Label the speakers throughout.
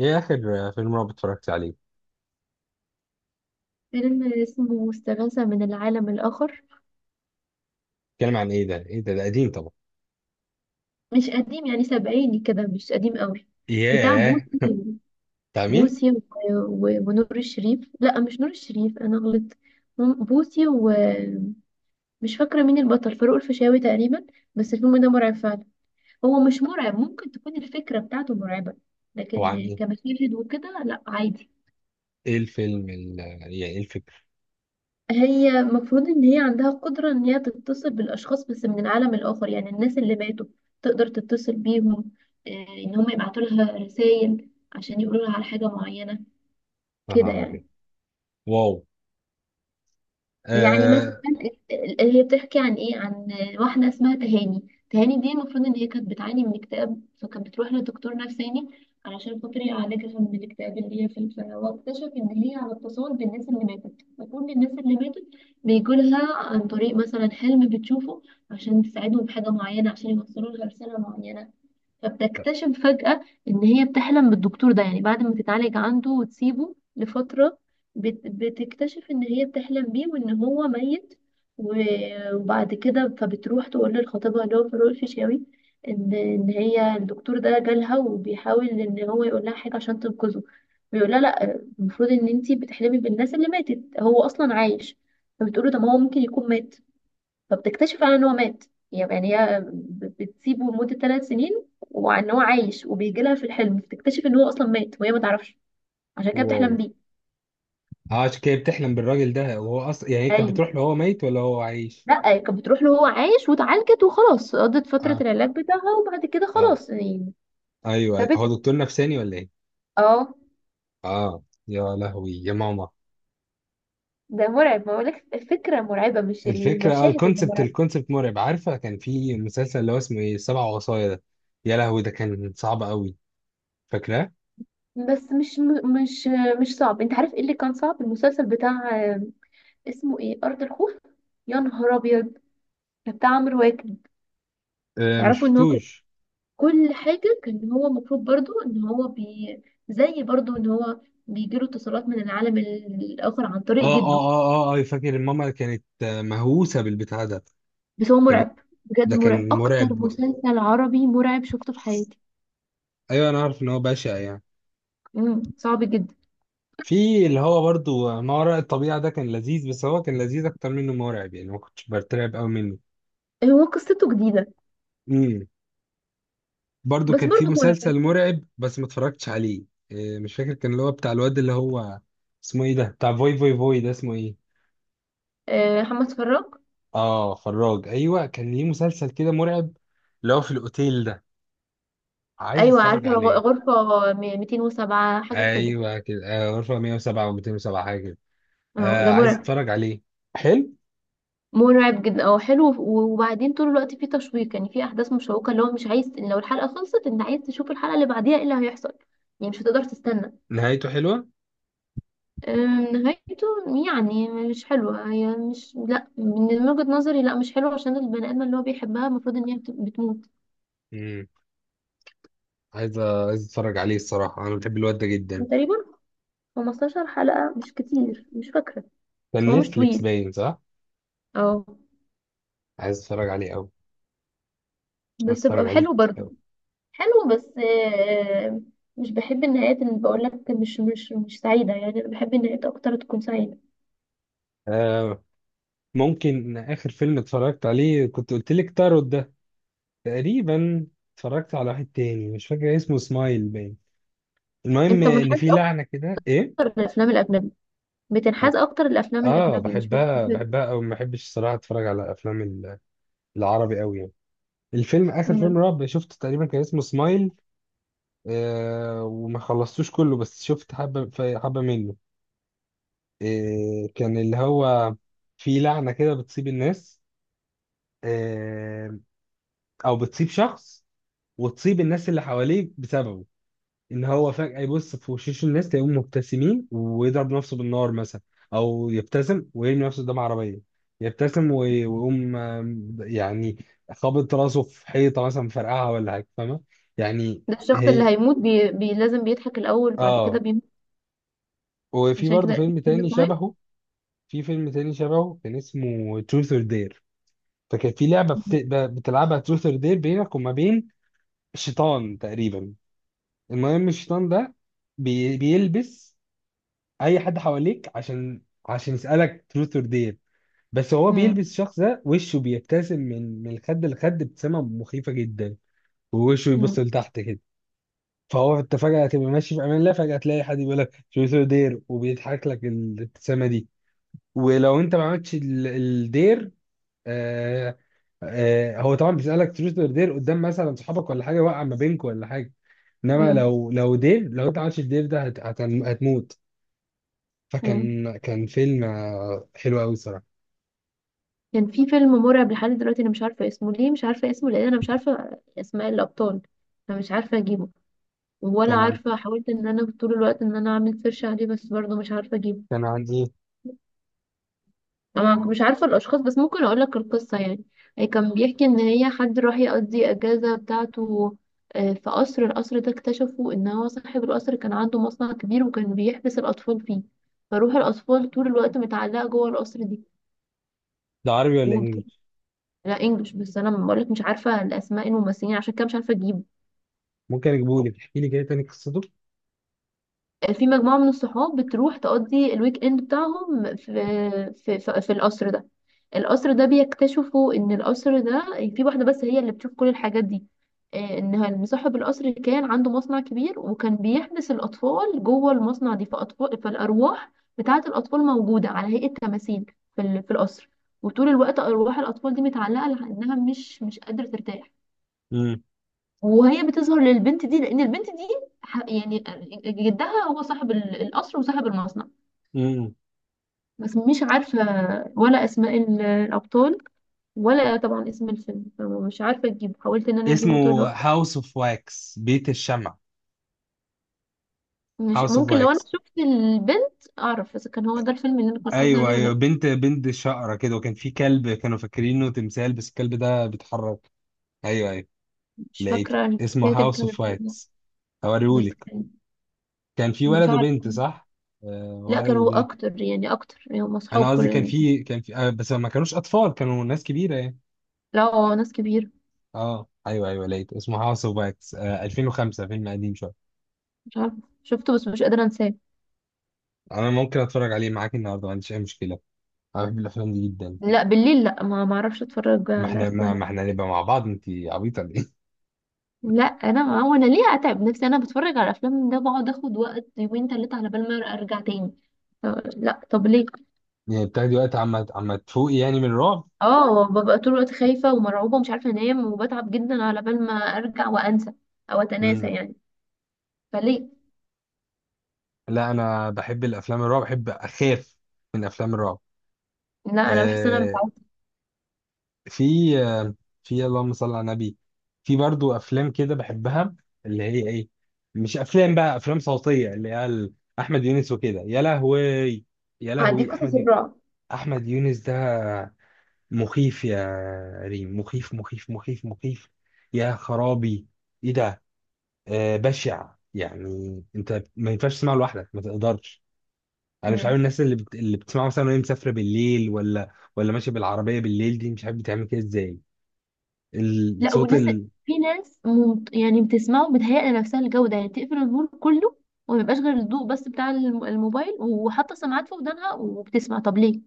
Speaker 1: ايه اخر فيلم رعب اتفرجت عليه؟
Speaker 2: فيلم اسمه استغاثة من العالم الآخر.
Speaker 1: اتكلم عن ايه ده؟ ايه ده قديم طبعا.
Speaker 2: مش قديم، يعني سبعيني كده، مش قديم قوي. بتاع
Speaker 1: ياه.
Speaker 2: بوسي.
Speaker 1: بتاع مين؟
Speaker 2: بوسي ونور الشريف. لا، مش نور الشريف، أنا غلطت. بوسي، ومش فاكرة مين البطل، فاروق الفيشاوي تقريبا. بس الفيلم ده مرعب فعلا. هو مش مرعب، ممكن تكون الفكرة بتاعته مرعبة،
Speaker 1: هو عن
Speaker 2: لكن
Speaker 1: ايه؟
Speaker 2: كمشاهد وكده لا، عادي.
Speaker 1: ايه الفيلم يعني ايه الفكرة؟
Speaker 2: هي المفروض ان هي عندها قدرة ان هي تتصل بالاشخاص، بس من العالم الاخر، يعني الناس اللي ماتوا تقدر تتصل بيهم. آه، ان هم يبعتوا لها رسائل عشان يقولوا لها على حاجة معينة،
Speaker 1: يا
Speaker 2: كده
Speaker 1: نهار
Speaker 2: يعني.
Speaker 1: ابيض. واو.
Speaker 2: يعني مثلا
Speaker 1: آه.
Speaker 2: هي بتحكي عن ايه؟ عن واحده اسمها تهاني. تهاني دي المفروض ان هي كانت بتعاني من اكتئاب، فكانت بتروح لدكتور نفساني علشان خاطر يعالجها من الاكتئاب اللي هي فيه. واكتشف ان هي على اتصال بالناس اللي ماتت، فكل الناس اللي ماتت بيجولها عن طريق مثلا حلم بتشوفه، عشان تساعدهم بحاجه معينه، عشان يوصلوا لها رساله معينه. فبتكتشف فجأة إن هي بتحلم بالدكتور ده، يعني بعد ما تتعالج عنده وتسيبه لفترة، بتكتشف إن هي بتحلم بيه وإن هو ميت. وبعد كده فبتروح تقول للخطيبها اللي هو فاروق الفيشاوي، إن هي الدكتور ده جالها وبيحاول إن هو يقول لها حاجة عشان تنقذه. بيقول لها لأ، المفروض إن أنتي بتحلمي بالناس اللي ماتت، هو أصلا عايش. فبتقوله ده ما هو ممكن يكون مات. فبتكتشف على ان هو مات. يعني هي بتسيبه لمدة ثلاث سنين، وان هو عايش وبيجي لها في الحلم، بتكتشف ان هو اصلا مات وهي ما تعرفش. عشان كده
Speaker 1: واو.
Speaker 2: بتحلم بيه.
Speaker 1: اه، عشان كده بتحلم بالراجل ده، وهو اصلا، يعني، هي كانت
Speaker 2: ايوه.
Speaker 1: بتروح له، هو ميت ولا هو عايش؟
Speaker 2: لا، هي كانت بتروح له هو عايش، واتعالجت وخلاص، قضت فترة
Speaker 1: اه،
Speaker 2: العلاج بتاعها، وبعد كده
Speaker 1: اه،
Speaker 2: خلاص يعني.
Speaker 1: ايوه، أيوة.
Speaker 2: سابته.
Speaker 1: هو دكتور نفساني ولا ايه؟
Speaker 2: اه.
Speaker 1: اه، يا لهوي يا ماما.
Speaker 2: ده مرعب ما اقولك، الفكرة مرعبة مش
Speaker 1: الفكرة،
Speaker 2: المشاهد اللي
Speaker 1: الكونسبت
Speaker 2: مرعبة.
Speaker 1: الكونسبت مرعب. عارفة كان في مسلسل اللي هو اسمه ايه؟ السبع وصايا ده؟ يا لهوي، ده كان صعب قوي. فاكراه؟
Speaker 2: بس مش مش مش صعب. انت عارف ايه اللي كان صعب؟ المسلسل بتاع اسمه ايه، ارض الخوف. يا نهار ابيض. ده بتاع عمرو واكد.
Speaker 1: آه، مش
Speaker 2: تعرفوا ان هو
Speaker 1: شفتوش.
Speaker 2: كل حاجة كان هو المفروض برضو ان هو بي... زي برضو ان هو بيجيله اتصالات من العالم الآخر عن
Speaker 1: اه،
Speaker 2: طريق
Speaker 1: اه،
Speaker 2: جده.
Speaker 1: اه، اه، آه، أيوة، فاكر ماما كانت مهووسة بالبتاع ده.
Speaker 2: بس هو
Speaker 1: كانت بت-
Speaker 2: مرعب، بجد
Speaker 1: ده
Speaker 2: مرعب،
Speaker 1: كان
Speaker 2: أكتر
Speaker 1: مرعب.
Speaker 2: مسلسل عربي مرعب شفته في حياتي.
Speaker 1: ايوه، انا عارف ان هو بشع يعني.
Speaker 2: مم. صعب جدا.
Speaker 1: في اللي هو برضو ما وراء الطبيعة ده كان لذيذ، بس هو كان لذيذ اكتر منه مرعب يعني، ما كنتش برتعب قوي منه.
Speaker 2: هو قصته جديدة.
Speaker 1: امم. برضو
Speaker 2: بس
Speaker 1: كان في
Speaker 2: برضو مرعب.
Speaker 1: مسلسل مرعب بس ما اتفرجتش عليه. آه، مش فاكر. كان اللي هو بتاع الواد اللي هو اسمه ايه ده؟ بتاع فوي فوي فوي ده اسمه ايه؟
Speaker 2: محمد فراج.
Speaker 1: اه، فراج، ايوه. كان ليه مسلسل كده مرعب، اللي هو في الاوتيل ده. عايز
Speaker 2: أيوة
Speaker 1: اتفرج
Speaker 2: عارفة،
Speaker 1: عليه.
Speaker 2: غرفة 207 حاجة كده.
Speaker 1: ايوه كده، غرفة 107 و207 حاجة كده.
Speaker 2: اه
Speaker 1: آه،
Speaker 2: ده
Speaker 1: عايز
Speaker 2: مرعب،
Speaker 1: اتفرج عليه. حلو.
Speaker 2: مرعب جدا. اه حلو. وبعدين طول الوقت فيه تشويق، يعني فيه احداث مشوقه، اللي هو مش عايز لو الحلقه خلصت، انت عايز تشوف الحلقه اللي بعديها ايه اللي هيحصل، يعني مش هتقدر تستنى.
Speaker 1: نهايته حلوة؟
Speaker 2: نهايته يعني مش حلوه، هي مش، لا من وجهه نظري لا، مش حلوه، عشان البني ادم اللي هو بيحبها المفروض ان هي بتموت.
Speaker 1: امم. عايز اتفرج عليه الصراحة. انا بحب الواد ده جدا.
Speaker 2: تقريبا 15 حلقه، مش كتير، مش فاكره، بس
Speaker 1: كان
Speaker 2: هو مش
Speaker 1: نتفليكس
Speaker 2: طويل.
Speaker 1: باين، صح؟
Speaker 2: اه.
Speaker 1: عايز اتفرج عليه قوي. عايز
Speaker 2: بس
Speaker 1: اتفرج
Speaker 2: بقى
Speaker 1: عليه
Speaker 2: حلو برضه.
Speaker 1: قوي.
Speaker 2: حلو، بس مش بحب النهايات اللي بقول لك مش سعيده، يعني انا بحب النهايات اكتر تكون سعيده.
Speaker 1: آه، ممكن اخر فيلم اتفرجت عليه كنت قلت لك تاروت ده، تقريبا. اتفرجت على واحد تاني مش فاكر اسمه، سمايل باين. المهم،
Speaker 2: انت
Speaker 1: ان
Speaker 2: منحاز
Speaker 1: في لعنة كده، ايه.
Speaker 2: اكتر للافلام الاجنبي،
Speaker 1: اه،
Speaker 2: بتنحاز اكتر للافلام
Speaker 1: آه،
Speaker 2: الاجنبي، مش
Speaker 1: بحبها
Speaker 2: بتحب.
Speaker 1: بحبها او ما بحبش الصراحة. اتفرج على افلام العربي قوي يعني. الفيلم، اخر فيلم
Speaker 2: مم.
Speaker 1: رعب شفته تقريبا كان اسمه سمايل. آه، وما خلصتوش كله، بس شفت حبه حبه منه. آه، كان اللي هو في لعنه كده بتصيب الناس. آه، او بتصيب شخص، وتصيب الناس اللي حواليه بسببه. ان هو فجاه يبص في وشوش الناس تلاقيهم مبتسمين، ويضرب نفسه بالنار مثلا. او يبتسم ويرمي نفسه قدام عربيه. يبتسم ويقوم يعني، خابط راسه في حيطه مثلا، مفرقعها ولا حاجه، فاهمه يعني.
Speaker 2: ده الشخص اللي
Speaker 1: هي،
Speaker 2: هيموت لازم بيضحك الاول وبعد كده
Speaker 1: اه.
Speaker 2: بيموت.
Speaker 1: وفي
Speaker 2: عشان كده
Speaker 1: برضه
Speaker 2: اسمه
Speaker 1: فيلم
Speaker 2: فيلم
Speaker 1: تاني
Speaker 2: سمايل.
Speaker 1: شبهه. في فيلم تاني شبهه كان اسمه تروث اور دير. فكان في لعبة بتلعبها، تروث اور دير بينك وما بين شيطان تقريبا. المهم الشيطان ده بيلبس اي حد حواليك، عشان يسألك تروث اور دير. بس هو
Speaker 2: مم.
Speaker 1: بيلبس الشخص ده، وشه بيبتسم من الخد لخد، ابتسامة مخيفة جدا. ووشه يبص
Speaker 2: مم.
Speaker 1: لتحت كده. فهو، انت فجأة هتبقى ماشي في امان الله، فجأة تلاقي حد بيقول لك تروث اور دير وبيضحك لك الابتسامة دي. ولو انت ما عملتش الدير، آه. آه، هو طبعا بيسألك تروث اور دير قدام مثلا صحابك ولا حاجة، وقع ما بينكم ولا حاجة. انما
Speaker 2: مم.
Speaker 1: لو انت ما عملتش الدير ده هتموت.
Speaker 2: مم.
Speaker 1: فكان فيلم حلو قوي الصراحة.
Speaker 2: كان في فيلم مرعب لحد دلوقتي انا مش عارفه اسمه، ليه مش عارفه اسمه؟ لان انا مش عارفه اسماء الابطال، فمش عارفه اجيبه، ولا
Speaker 1: كان عن.
Speaker 2: عارفه، حاولت ان انا طول الوقت ان انا اعمل سيرش عليه، بس برضه مش عارفه اجيبه.
Speaker 1: كان عندي.
Speaker 2: أنا مش عارفة الأشخاص، بس ممكن أقولك القصة يعني. هي كان بيحكي إن هي حد راح يقضي أجازة بتاعته. في قصر، القصر ده اكتشفوا إن هو صاحب القصر كان عنده مصنع كبير، وكان بيحبس الأطفال فيه، فروح الأطفال طول الوقت متعلقة جوه القصر دي.
Speaker 1: ده عربي ولا
Speaker 2: وبت...
Speaker 1: انجليزي؟
Speaker 2: لا إنجلش، بس أنا بقولك مش عارفة الأسماء الممثلين عشان كده مش عارفة أجيبه.
Speaker 1: ممكن اجيبه لك. احكي لي كده تاني قصته.
Speaker 2: في مجموعة من الصحاب بتروح تقضي الويك اند بتاعهم في، في القصر ده، القصر ده بيكتشفوا ان القصر ده في واحدة بس هي اللي بتشوف كل الحاجات دي. ان صاحب القصر كان عنده مصنع كبير، وكان بيحبس الأطفال جوه المصنع دي، فأطفال، فالأرواح بتاعة الأطفال موجودة على هيئة تماثيل في في القصر، وطول الوقت أرواح الأطفال دي متعلقة لأنها مش قادرة ترتاح.
Speaker 1: امم.
Speaker 2: وهي بتظهر للبنت دي لان البنت دي يعني جدها هو صاحب القصر وصاحب المصنع.
Speaker 1: امم.
Speaker 2: بس مش عارفه، ولا اسماء الابطال، ولا طبعا اسم الفيلم، فمش عارفه اجيبه، حاولت ان انا اجيبه طول
Speaker 1: اسمه
Speaker 2: الوقت.
Speaker 1: هاوس اوف واكس، بيت الشمع.
Speaker 2: مش
Speaker 1: هاوس اوف
Speaker 2: ممكن، لو انا
Speaker 1: واكس.
Speaker 2: شفت البنت اعرف اذا كان هو ده الفيلم اللي انا كان قصدي
Speaker 1: ايوه،
Speaker 2: عليه ولا
Speaker 1: ايوه،
Speaker 2: لأ.
Speaker 1: بنت شقرة كده، وكان في كلب كانوا فاكرينه تمثال بس الكلب ده بيتحرك. ايوه، ايوه،
Speaker 2: مش
Speaker 1: لقيته
Speaker 2: فاكره
Speaker 1: اسمه
Speaker 2: حكايه
Speaker 1: هاوس اوف
Speaker 2: الكلب ده.
Speaker 1: واكس.
Speaker 2: بس
Speaker 1: هوريهولك.
Speaker 2: كان،
Speaker 1: كان في
Speaker 2: مش
Speaker 1: ولد
Speaker 2: عارفه.
Speaker 1: وبنت، صح؟ آه،
Speaker 2: لا،
Speaker 1: ولد
Speaker 2: كان هو
Speaker 1: وبنت.
Speaker 2: اكتر يعني، اكتر يعني هم اصحاب
Speaker 1: انا قصدي كان
Speaker 2: كل...
Speaker 1: في بس ما كانوش اطفال، كانوا ناس كبيره يعني.
Speaker 2: لا، هو ناس كبيره.
Speaker 1: اه، ايوه، ايوه، لقيته اسمه هاوس اوف واكس، 2005 فيلم قديم شويه.
Speaker 2: مش عارفه شفته، بس مش قادره انساه.
Speaker 1: انا ممكن اتفرج عليه معاك النهارده، ما عنديش اي مشكله. انا بحب الافلام دي جدا.
Speaker 2: لا بالليل، لا، ما اعرفش اتفرج على افلام.
Speaker 1: ما احنا هنبقى مع بعض، انت عبيطه ولا ايه؟
Speaker 2: لا، انا، ما هو انا ليه اتعب نفسي؟ انا بتفرج على افلام ده بقعد اخد وقت يومين ثلاثه على بال ما ارجع تاني. لا طب ليه.
Speaker 1: يعني بتاخدي وقت عما تفوقي يعني من الرعب؟
Speaker 2: اه، ببقى طول الوقت خايفه ومرعوبه ومش عارفه انام، وبتعب جدا على بال ما ارجع وانسى، او اتناسى
Speaker 1: امم.
Speaker 2: يعني، فليه؟
Speaker 1: لا، انا بحب الافلام الرعب، بحب اخاف من افلام الرعب.
Speaker 2: لا، انا بحس ان انا
Speaker 1: آه،
Speaker 2: متعودة.
Speaker 1: في في اللهم صل على النبي، في برضو افلام كده بحبها، اللي هي ايه؟ مش افلام بقى، افلام صوتيه اللي هي احمد يونس وكده، يا لهوي. يا
Speaker 2: عندي
Speaker 1: لهوي،
Speaker 2: قصص الرعب.
Speaker 1: احمد يونس ده مخيف، يا ريم، مخيف مخيف مخيف مخيف. يا خرابي، ايه ده. آه، بشع يعني. انت ما ينفعش تسمعه لوحدك، ما تقدرش. انا مش
Speaker 2: مم.
Speaker 1: عارف الناس اللي اللي بتسمعه مثلا وهي مسافره بالليل، ولا ماشيه بالعربيه بالليل دي، مش عارف بتعمل كده ازاي.
Speaker 2: لا،
Speaker 1: الصوت
Speaker 2: وناس،
Speaker 1: ال...
Speaker 2: في ناس يعني بتسمعه بتهيأ لنفسها الجودة، يعني تقفل النور كله، وما يبقاش غير الضوء بس بتاع الموبايل، وحاطة سماعات في ودانها وبتسمع، طب ليه؟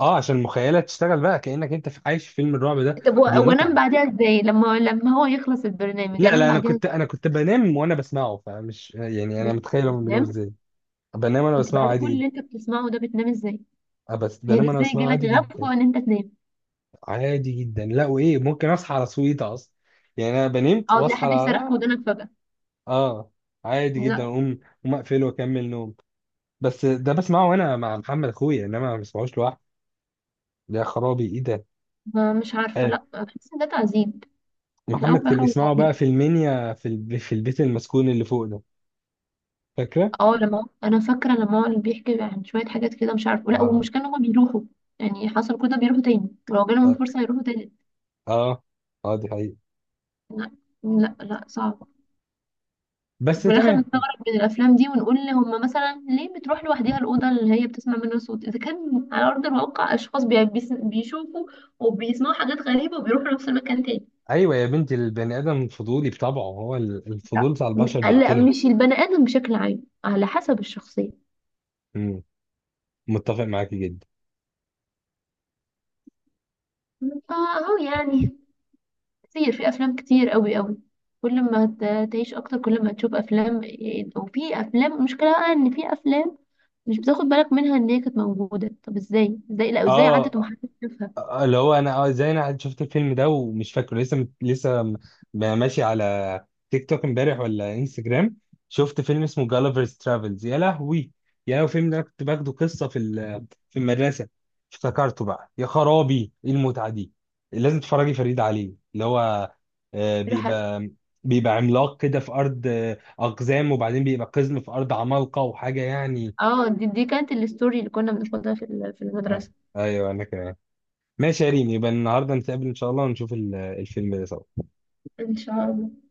Speaker 1: اه، عشان المخيله تشتغل بقى، كانك انت عايش في فيلم الرعب ده.
Speaker 2: طب
Speaker 1: دي
Speaker 2: وانام
Speaker 1: متعه.
Speaker 2: بعديها ازاي؟ لما هو يخلص البرنامج
Speaker 1: لا،
Speaker 2: انام
Speaker 1: لا، انا
Speaker 2: بعديها
Speaker 1: كنت انا كنت بنام وانا بسمعه، فمش يعني انا
Speaker 2: ازاي؟
Speaker 1: متخيل هم بيناموا
Speaker 2: فاهم؟
Speaker 1: ازاي. بنام وانا
Speaker 2: انت
Speaker 1: بسمعه
Speaker 2: بعد
Speaker 1: عادي
Speaker 2: كل اللي
Speaker 1: جدا.
Speaker 2: انت بتسمعه ده بتنام ازاي؟
Speaker 1: آه، بس
Speaker 2: يعني
Speaker 1: بنام وانا
Speaker 2: ازاي
Speaker 1: بسمعه
Speaker 2: جالك
Speaker 1: عادي جدا.
Speaker 2: غفوة ان انت تنام؟
Speaker 1: عادي جدا. لا وايه، ممكن اصحى على صويته اصلا. يعني انا بنمت
Speaker 2: او تلاقي
Speaker 1: واصحى على.
Speaker 2: حد يصرخ في ودانك فجأة.
Speaker 1: اه، عادي جدا،
Speaker 2: لا.
Speaker 1: اقوم اقفله واكمل نوم. بس ده بسمعه وانا مع محمد اخويا، انما ما بسمعوش لوحدي. يا خرابي، ايه ده.
Speaker 2: ما مش عارفة، لا، بحس ان ده تعذيب، في الاول
Speaker 1: محمد
Speaker 2: وفي
Speaker 1: كان
Speaker 2: الاخر هو
Speaker 1: بيسمعه بقى
Speaker 2: تعذيب.
Speaker 1: في المنيا، في البيت المسكون اللي فوق ده. فاكره؟
Speaker 2: اه، لما انا فاكره لما هو اللي بيحكي عن شويه حاجات كده مش عارفه. لا،
Speaker 1: اه،
Speaker 2: والمشكله ان هما بيروحوا، يعني حصل كده بيروحوا تاني، ولو جالهم
Speaker 1: اه،
Speaker 2: الفرصه يروحوا تاني.
Speaker 1: اه، آه، دي حقيقة.
Speaker 2: لا، لا، لا، صعب.
Speaker 1: بس
Speaker 2: وفي الاخر
Speaker 1: تمام.
Speaker 2: نستغرب من الافلام دي ونقول هما مثلا ليه بتروح لوحدها الاوضه اللي هي بتسمع منها صوت؟ اذا كان على ارض الواقع اشخاص بيشوفوا وبيسمعوا حاجات غريبه، وبيروحوا نفس المكان تاني.
Speaker 1: ايوه يا بنتي، البني ادم فضولي بطبعه، هو
Speaker 2: لا
Speaker 1: الفضول بتاع البشر
Speaker 2: لا،
Speaker 1: بيقتله.
Speaker 2: مش البني ادم بشكل عام، على حسب الشخصيه.
Speaker 1: مم. متفق معاكي جدا.
Speaker 2: فاهو يعني، كتير، في افلام كتير قوي قوي. كل ما تعيش اكتر كل ما تشوف افلام، وفي افلام، المشكله بقى ان في افلام مش بتاخد بالك منها ان هي كانت موجوده، طب ازاي لا، ازاي عدت
Speaker 1: اه،
Speaker 2: ومحدش شافها؟
Speaker 1: اللي هو انا زي انا قاعد شفت الفيلم ده ومش فاكره، ماشي على تيك توك امبارح ولا انستجرام. شفت فيلم اسمه جالفرز ترافلز. يا لهوي، يا لهوي الفيلم ده أنا كنت باخده قصه في المدرسه. افتكرته بقى، يا خرابي ايه المتعه دي. لازم تتفرجي فريد عليه، اللي هو آه،
Speaker 2: راح.
Speaker 1: بيبقى بيبقى عملاق كده في ارض اقزام، وبعدين بيبقى قزم في ارض عمالقه وحاجه يعني.
Speaker 2: اه دي كانت الستوري اللي كنا بناخدها في في
Speaker 1: آه،
Speaker 2: المدرسه.
Speaker 1: ايوه، انا كده. ماشي يا ريم، يبقى النهارده نتقابل ان شاء الله ونشوف الفيلم ده سوا.
Speaker 2: ان شاء الله.